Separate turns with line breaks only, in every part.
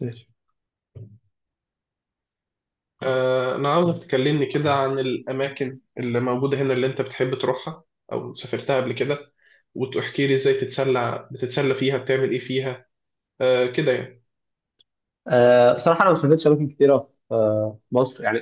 ماشي.
أنا عاوزك تكلمني كده عن الأماكن اللي موجودة هنا اللي أنت بتحب تروحها أو سافرتها قبل كده، وتحكي لي إزاي تتسلى، بتتسلى فيها بتعمل إيه فيها. آه كده يعني.
صراحة أنا ما سافرتش أماكن كتيرة في مصر، يعني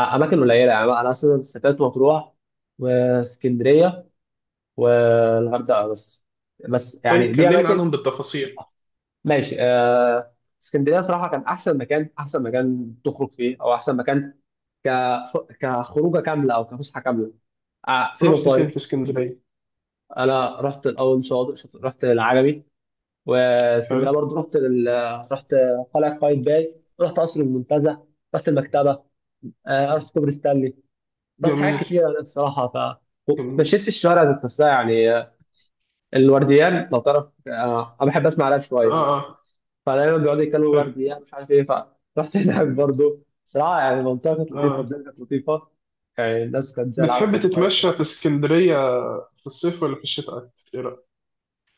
أماكن قليلة. يعني أنا أصلا سافرت مطروح واسكندرية والغردقة بس. بس يعني
طيب
دي
كلمنا
أماكن.
عنهم بالتفاصيل.
ماشي. اسكندرية صراحة كان أحسن مكان، أحسن مكان تخرج فيه، أو أحسن مكان ك كخروجة كاملة أو كفسحة كاملة. في
رحت
مصايف.
فين في اسكندرية؟
أنا رحت الأول، رحت العجمي.
حلو.
واسكندرية برضه رحت قلعة قايتباي. رحت قصر المنتزه. رحت المكتبة. ارض كوبري ستانلي. طب حاجات
جميل
كتيره بصراحه،
جميل.
مشيت الشوارع ذات نفسها. يعني الورديان لو تعرف، انا بحب اسمع راب
آه.
شويه،
آه.
فدايما بيقعدوا يتكلموا
حلو.
ورديان مش عارف ايه. فرحت هناك برضه صراحه. يعني المنطقه كانت لطيفه،
آه،
الدنيا كانت لطيفه. يعني الناس كانت زي العسل
بتحب
والله.
تتمشى في اسكندرية في الصيف ولا في الشتاء، إيه رأيك؟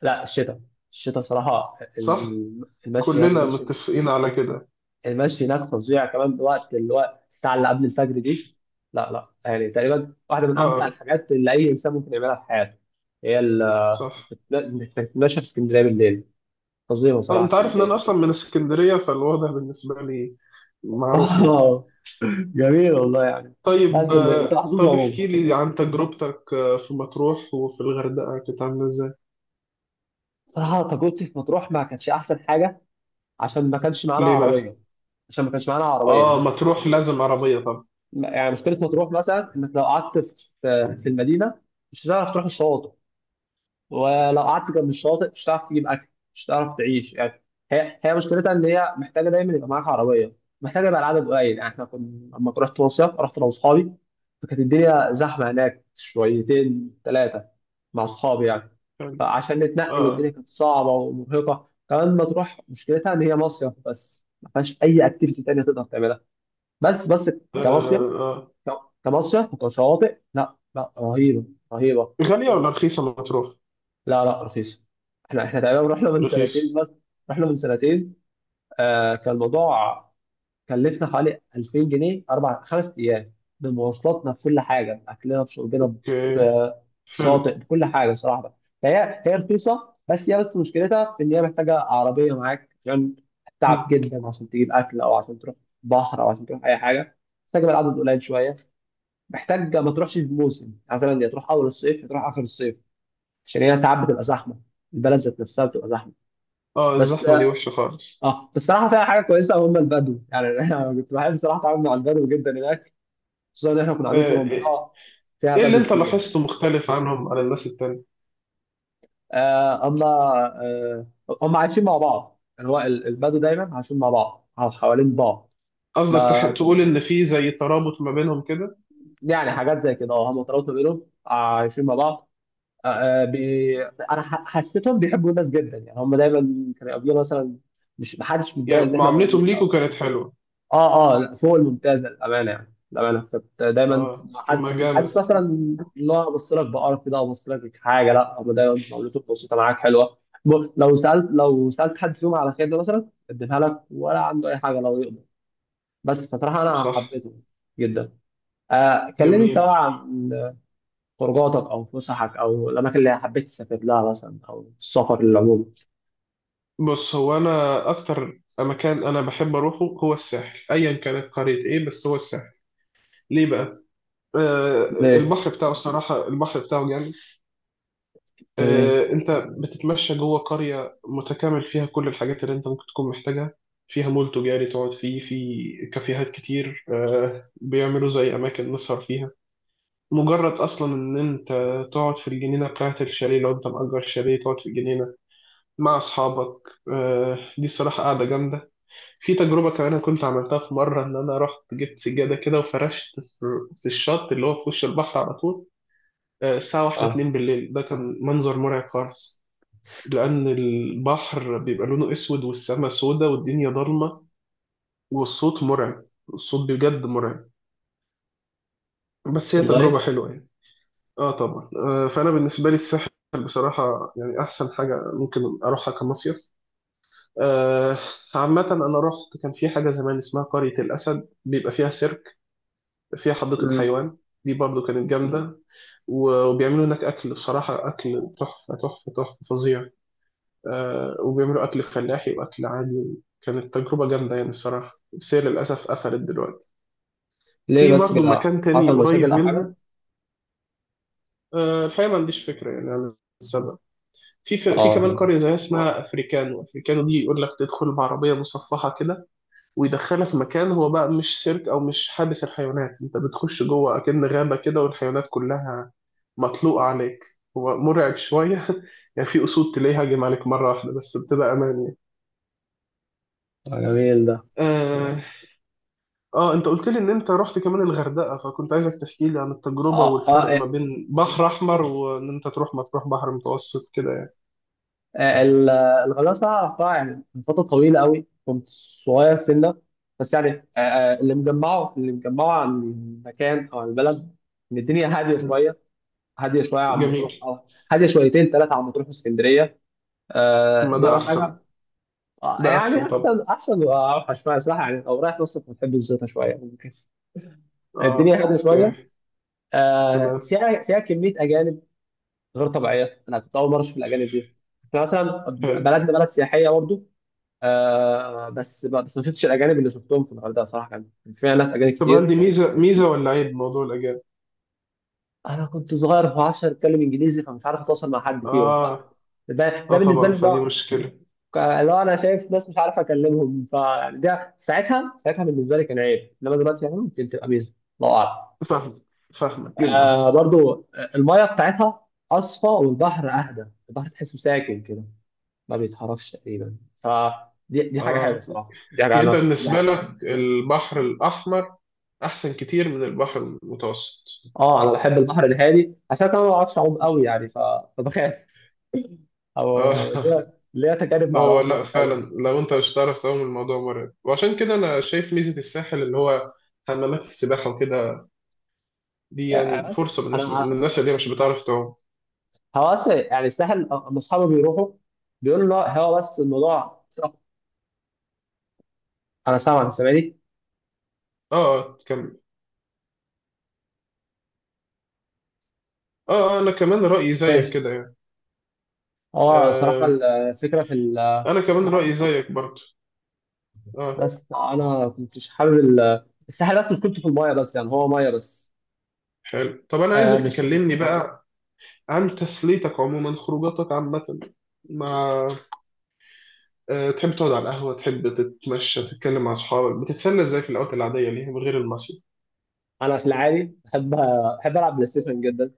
لا، الشتاء. الشتاء صراحه
صح، كلنا
المشي.
متفقين على كده.
المشي هناك فظيع، كمان بوقت اللي هو الساعه اللي قبل الفجر دي. لا، لا، يعني تقريبا واحده من
آه،
امتع
آه،
الحاجات اللي اي انسان ممكن يعملها في حياته، هي ال-
صح.
انك تتمشى في اسكندريه بالليل. فظيعه
طيب
صراحه
انت عارف ان انا
اسكندريه.
اصلا من اسكندريه، فالوضع بالنسبه لي معروف يعني.
اه، جميل والله يعني. لا،
طيب
اسكندريه انت محظوظ
طب
عموما.
احكي لي عن تجربتك في مطروح وفي الغردقه، كانت عامله ازاي؟
صراحه تجربتي في مطروح ما كانتش احسن حاجه. عشان ما كانش معانا
ليه
عربيه.
بقى؟
عشان ما كانش معانا عربيه،
اه مطروح لازم عربيه طبعا
يعني مشكله مطروح مثلا انك لو قعدت في المدينه مش هتعرف تروح الشواطئ، ولو قعدت جنب الشاطئ مش هتعرف تجيب اكل. مش هتعرف تعيش يعني. هي مشكلتها ان هي محتاجه دايما يبقى معاك عربيه، محتاجه يبقى العدد قليل. يعني احنا كنا لما رحت مصيف رحت انا واصحابي، فكانت الدنيا زحمه هناك شويتين ثلاثه مع اصحابي يعني.
يعني.
فعشان نتنقل الدنيا
اه،
كانت صعبه ومرهقه، كمان ما تروح مشكلتها ان هي مصيف بس ما فيهاش اي اكتيفيتي تانيه تقدر تعملها. بس.
اه،
كمصيف
آه.
كمصيف وكشواطئ، لا، لا، رهيبه. رهيبه.
غاليه ولا رخيصه مطروح؟
لا، لا، رخيصة. احنا تقريبا رحنا من سنتين
رخيصه.
بس. رحنا من سنتين. كان الموضوع كلفنا حوالي 2000 جنيه اربع خمس ايام، بمواصلاتنا، بكل حاجة، بأكلنا بشربنا،
اوكي. حلو.
بالشاطئ بكل حاجة صراحة. فهي رخيصة، بس هي بس مشكلتها في ان هي محتاجة عربية معاك، عشان
مم.
تعب جدا عشان تجيب اكل، او عشان تروح بحر، او عشان تروح اي حاجة. محتاجة العدد قليل شوية. محتاج ما تروحش في موسم، مثلا يا تروح اول الصيف يا تروح اخر الصيف، عشان هي ساعات بتبقى زحمه. البلد ذات نفسها بتبقى زحمه.
اه
بس.
الزحمه دي وحشه خالص.
اه، بصراحه فيها حاجه كويسه، هم البدو يعني. انا كنت بحب بصراحه اتعامل مع البدو جدا هناك، خصوصا ان احنا كنا قاعدين في
ايه؟
منطقه فيها
إيه اللي
بدو
انت
كتير.
لاحظته مختلف عنهم عن الناس التانية؟
اما، آه هم عايشين مع بعض. يعني البدو دايما عايشين مع بعض، أو حوالين بعض.
قصدك
ما
تقول ان في زي ترابط ما بينهم كده؟
يعني حاجات زي كده، اه، هم ترابطوا بينهم، عايشين مع بعض. انا حسيتهم بيحبوا الناس جدا. يعني هم دايما كانوا يقابلونا مثلا، مش محدش متضايق
يعني
ان احنا
معاملتهم
موجودين.
ليكوا كانت حلوه؟
اه، اه، لا، فوق الممتاز للامانه. يعني للامانه كنت دايما
اه
مع
طب
حد،
ما
حدش
جامد.
مثلا اللي هو ابص لك بقرف كده، ابص لك حاجه. لا، هم دايما معاملته بسيطه معاك حلوه. لو سالت حد فيهم على خدمه مثلا يقدمها لك، ولا عنده اي حاجه لو يقدر. بس فصراحه انا
صح.
حبيته جدا. كلمني انت
جميل.
بقى عن خروجاتك، او فسحك، او الاماكن اللي حبيت تسافر لها مثلا، او السفر للعموم.
بص، هو انا اكتر مكان انا بحب اروحه هو الساحل، ايا كانت قرية ايه بس هو الساحل. ليه بقى؟ آه،
ليه؟
البحر بتاعه الصراحة البحر بتاعه جامد.
ايه.
آه انت بتتمشى جوه قرية متكامل فيها كل الحاجات اللي انت ممكن تكون محتاجها، فيها مول تجاري تقعد فيه، في كافيهات كتير آه بيعملوا زي اماكن نسهر فيها. مجرد اصلا ان انت تقعد في الجنينه بتاعت الشاليه، لو انت مأجر شاليه تقعد في الجنينه مع أصحابك، دي الصراحة قاعدة جامدة. في تجربة كمان أنا كنت عملتها في مرة، إن أنا رحت جبت سجادة كده وفرشت في الشط اللي هو في وش البحر على طول. آه، الساعة واحدة
اه
اتنين بالليل، ده كان منظر مرعب خالص، لأن البحر بيبقى لونه أسود والسماء سودة والدنيا ضلمة والصوت مرعب. الصوت بجد مرعب. بس هي تجربة
والله.
حلوة يعني. آه طبعا. فأنا بالنسبة لي الساحل بصراحة يعني أحسن حاجة ممكن أروحها كمصيف. آه، عامة أنا رحت كان في حاجة زمان اسمها قرية الأسد، بيبقى فيها سيرك، فيها حديقة
مم.
حيوان. دي برضو كانت جامدة. وبيعملوا هناك أكل، بصراحة أكل تحفة تحفة تحفة، فظيع. آه، وبيعملوا أكل فلاحي وأكل عادي. كانت تجربة جامدة يعني الصراحة، بس هي للأسف قفلت دلوقتي.
ليه
في
بس
برضو
كده،
مكان تاني
حصل مشاكل
قريب
او حاجه؟
منها. آه، الحقيقة ما عنديش فكرة يعني عن السبب. في في كمان
اه.
قرية زيها اسمها أفريكانو. أفريكانو دي يقول لك تدخل بعربية مصفحة كده، ويدخلها في مكان، هو بقى مش سيرك او مش حابس الحيوانات، انت بتخش جوه اكن غابة كده والحيوانات كلها مطلوقة عليك. هو مرعب شوية يعني، في اسود تلاقيها هاجم عليك مرة واحدة، بس بتبقى امان يعني.
جميل ده.
آه. اه انت قلت لي ان انت رحت كمان الغردقة، فكنت عايزك تحكي لي عن التجربة
اه، اه،
والفرق ما بين بحر احمر وان انت تروح ما تروح بحر متوسط كده يعني.
آه، ال- الغلاسه قطاع يعني من فتره طويله قوي، كنت صغير سنه. بس يعني، اللي مجمعه عن المكان او عن البلد ان الدنيا هاديه
مم.
شويه. هاديه شويه عن مطروح،
جميل.
اه. هاديه شويتين ثلاثه عن مطروح واسكندريه.
طب ما
دي
ده
اول حاجه.
احسن. ده
يعني
احسن
احسن،
طبعا.
احسن واوحش ما، صراحه يعني لو رايح مصر بتحب الزيطه شويه، ممكن الدنيا
اه.
هاديه شويه.
اوكي. تمام.
فيها كميه اجانب غير طبيعيه. انا كنت اول مره اشوف الاجانب دي. احنا مثلا
حلو.
بلدنا بلد سياحيه برضو، بس ما شفتش الاجانب اللي شفتهم في الغردقه صراحه. كان فيها ناس اجانب
طب هل
كتير.
دي ميزة ميزة ولا عيب، موضوع الأجانب؟
انا كنت صغير في 10، اتكلم انجليزي فمش عارف اتواصل مع حد فيهم،
اه،
ده
اه
بالنسبه
طبعا
لي.
فدي
لا،
مشكلة.
لو انا شايف ناس مش عارف اكلمهم فيعني ده، ساعتها بالنسبه لي كان عيب، انما دلوقتي يعني ممكن تبقى ميزه. الله اعلم.
فاهمك. فاهمك جدا.
برضو الميه بتاعتها اصفى، والبحر اهدى، البحر تحسه ساكن كده، ما بيتحركش تقريبا. دي حاجه حلوه
اه.
صراحه، دي حاجه
يعني انت
انا
بالنسبة لك البحر الأحمر أحسن كتير من البحر المتوسط.
اه، انا بحب البحر الهادي عشان كده. ما بعرفش اعوم قوي، يعني فبخاف. او
اه
ليا تجارب مع
هو
العوم مش
لا فعلا،
حلوه.
لو انت مش هتعرف تعوم الموضوع مرعب، وعشان كده انا شايف ميزة الساحل اللي هو حمامات السباحة وكده، دي
يعني
يعني فرصة بالنسبة
أنا-
للناس اللي هي مش بتعرف تعوم.
هو اصلا يعني الساحل، أما اصحابي بيروحوا بيقولوا، لا، هو بس الموضوع، انا سامعني.
اه اه كمل. اه انا كمان رأيي زيك
ماشي.
كده يعني.
هو صراحه
آه انا كمان رأيي زيك برضه. اه.
بس انا كنتش حابب الساحل، بس مش كنت في المايه، بس يعني هو مايه بس.
حلو طب انا
آه
عايزك
مش
تكلمني بقى عن تسليتك عموما، خروجاتك عامة مع، آه، تحب تقعد على القهوة، تحب تتمشى تتكلم مع أصحابك، بتتسلى إزاي في الأوقات العادية اللي هي من غير المصيف؟
انا في العادي بحب، العب بلاي ستيشن جدا،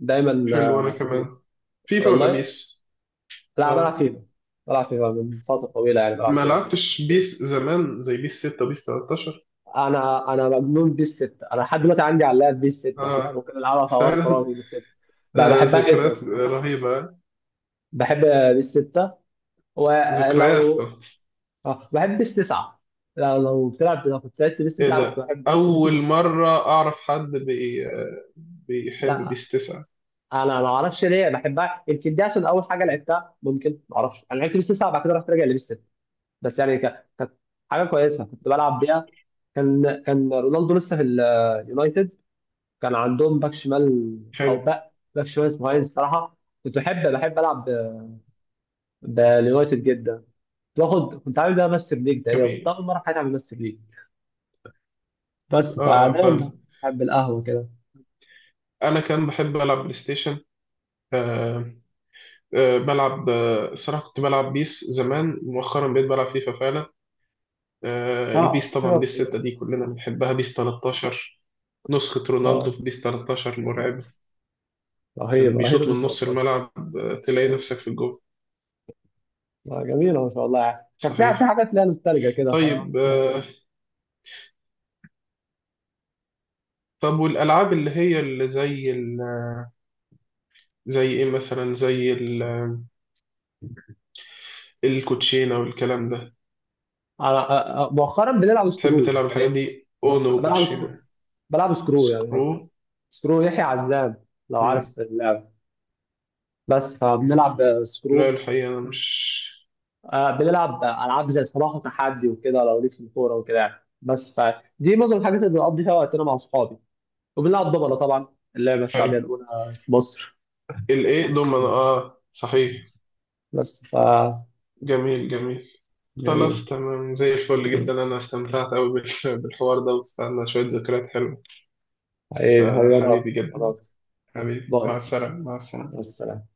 دايما.
حلو أنا كمان. فيفا ولا
والله،
بيس؟
لا بلعب
آه.
فيفا. بلعب فيفا من فتره طويله، يعني بلعب
ما
فيفا.
لعبتش بيس زمان زي بيس 6 بيس 13؟
انا مجنون بيس 6. انا لحد دلوقتي عندي على اللاب بيس 6،
آه
ممكن العبها في اوقات
فعلا.
فراغي. بيس 6 بقى
آه
بحبها
ذكريات
جدا.
رهيبة.
بحب بيس 6
ذكريات.
ولو. بحب بيس 9. لو بتلعب، لو كنت لعبت بيس
إيه
9 كنت
ده،
بحب.
أول مرة أعرف حد بي آه، بيحب
لا،
بيس 9.
انا ما اعرفش ليه بحبها، يمكن دي عشان اول حاجه لعبتها، ممكن ما اعرفش. انا لعبت بيس 9 بعد كده رحت راجع لبيس، بس يعني كانت حاجه كويسه كنت بلعب بيها. كان رونالدو لسه في اليونايتد. كان عندهم باك شمال، او
حلو.
باك شمال اسمه هاينز الصراحه. كنت بحب، العب باليونايتد جدا. كنت عامل ده ماستر ليج تقريبا، كنت
جميل.
اول مره في حياتي اعمل ماستر ليج. بس
آه آه
فدايما
فاهم.
بحب القهوه كده.
أنا كان بحب ألعب بلاي ستيشن. آه، بلعب الصراحة كنت بلعب بيس زمان، مؤخرا بقيت بلعب فيفا فعلا. آه، البيس
اه، حلوة
طبعا
بسم
بيس 6
الله.
دي كلنا بنحبها، بيس 13 نسخة رونالدو
اه،
في بيس 13 مرعبة. كان
رهيب، رهيب
بيشوط
بس
من نص
13.
الملعب آه، تلاقي نفسك في الجول.
جميله ما شاء الله. يعني كان في
صحيح.
حاجات ليها نوستالجيا كده،
طيب آه، طب والألعاب اللي هي اللي زي ال... زي إيه مثلا، زي ال... الكوتشينة والكلام ده،
مؤخرا بنلعب
بتحب
سكرول
تلعب الحاجات
يعني.
دي، أونو
بلعب سكرول.
وكوتشينة؟
بلعب سكرول يعني.
سكرو.
سكرو يحيى عزام لو عارف
مم.
اللعبة. بس فبنلعب
لا
سكرو.
الحقيقة أنا مش.
بنلعب ألعاب زي صباح وتحدي وكده، لو ليك في الكورة وكده يعني. بس فدي معظم الحاجات اللي بنقضي فيها وقتنا مع أصحابي. وبنلعب دوبلة طبعا، اللعبة الشعبية
حلو.
الأولى في مصر.
الايه ضمن،
بس.
اه صحيح.
بس ف
جميل جميل. خلاص
جميل.
تمام زي الفل جدا، انا استمتعت قوي بالحوار ده واستنى شوية ذكريات حلوة.
حبيبي، حبيبي، أنا
فحبيبي
أكتر، أنا
جدا.
أكتر.
حبيبي،
باي.
مع السلامة، مع
مع
السلامة.
السلامة.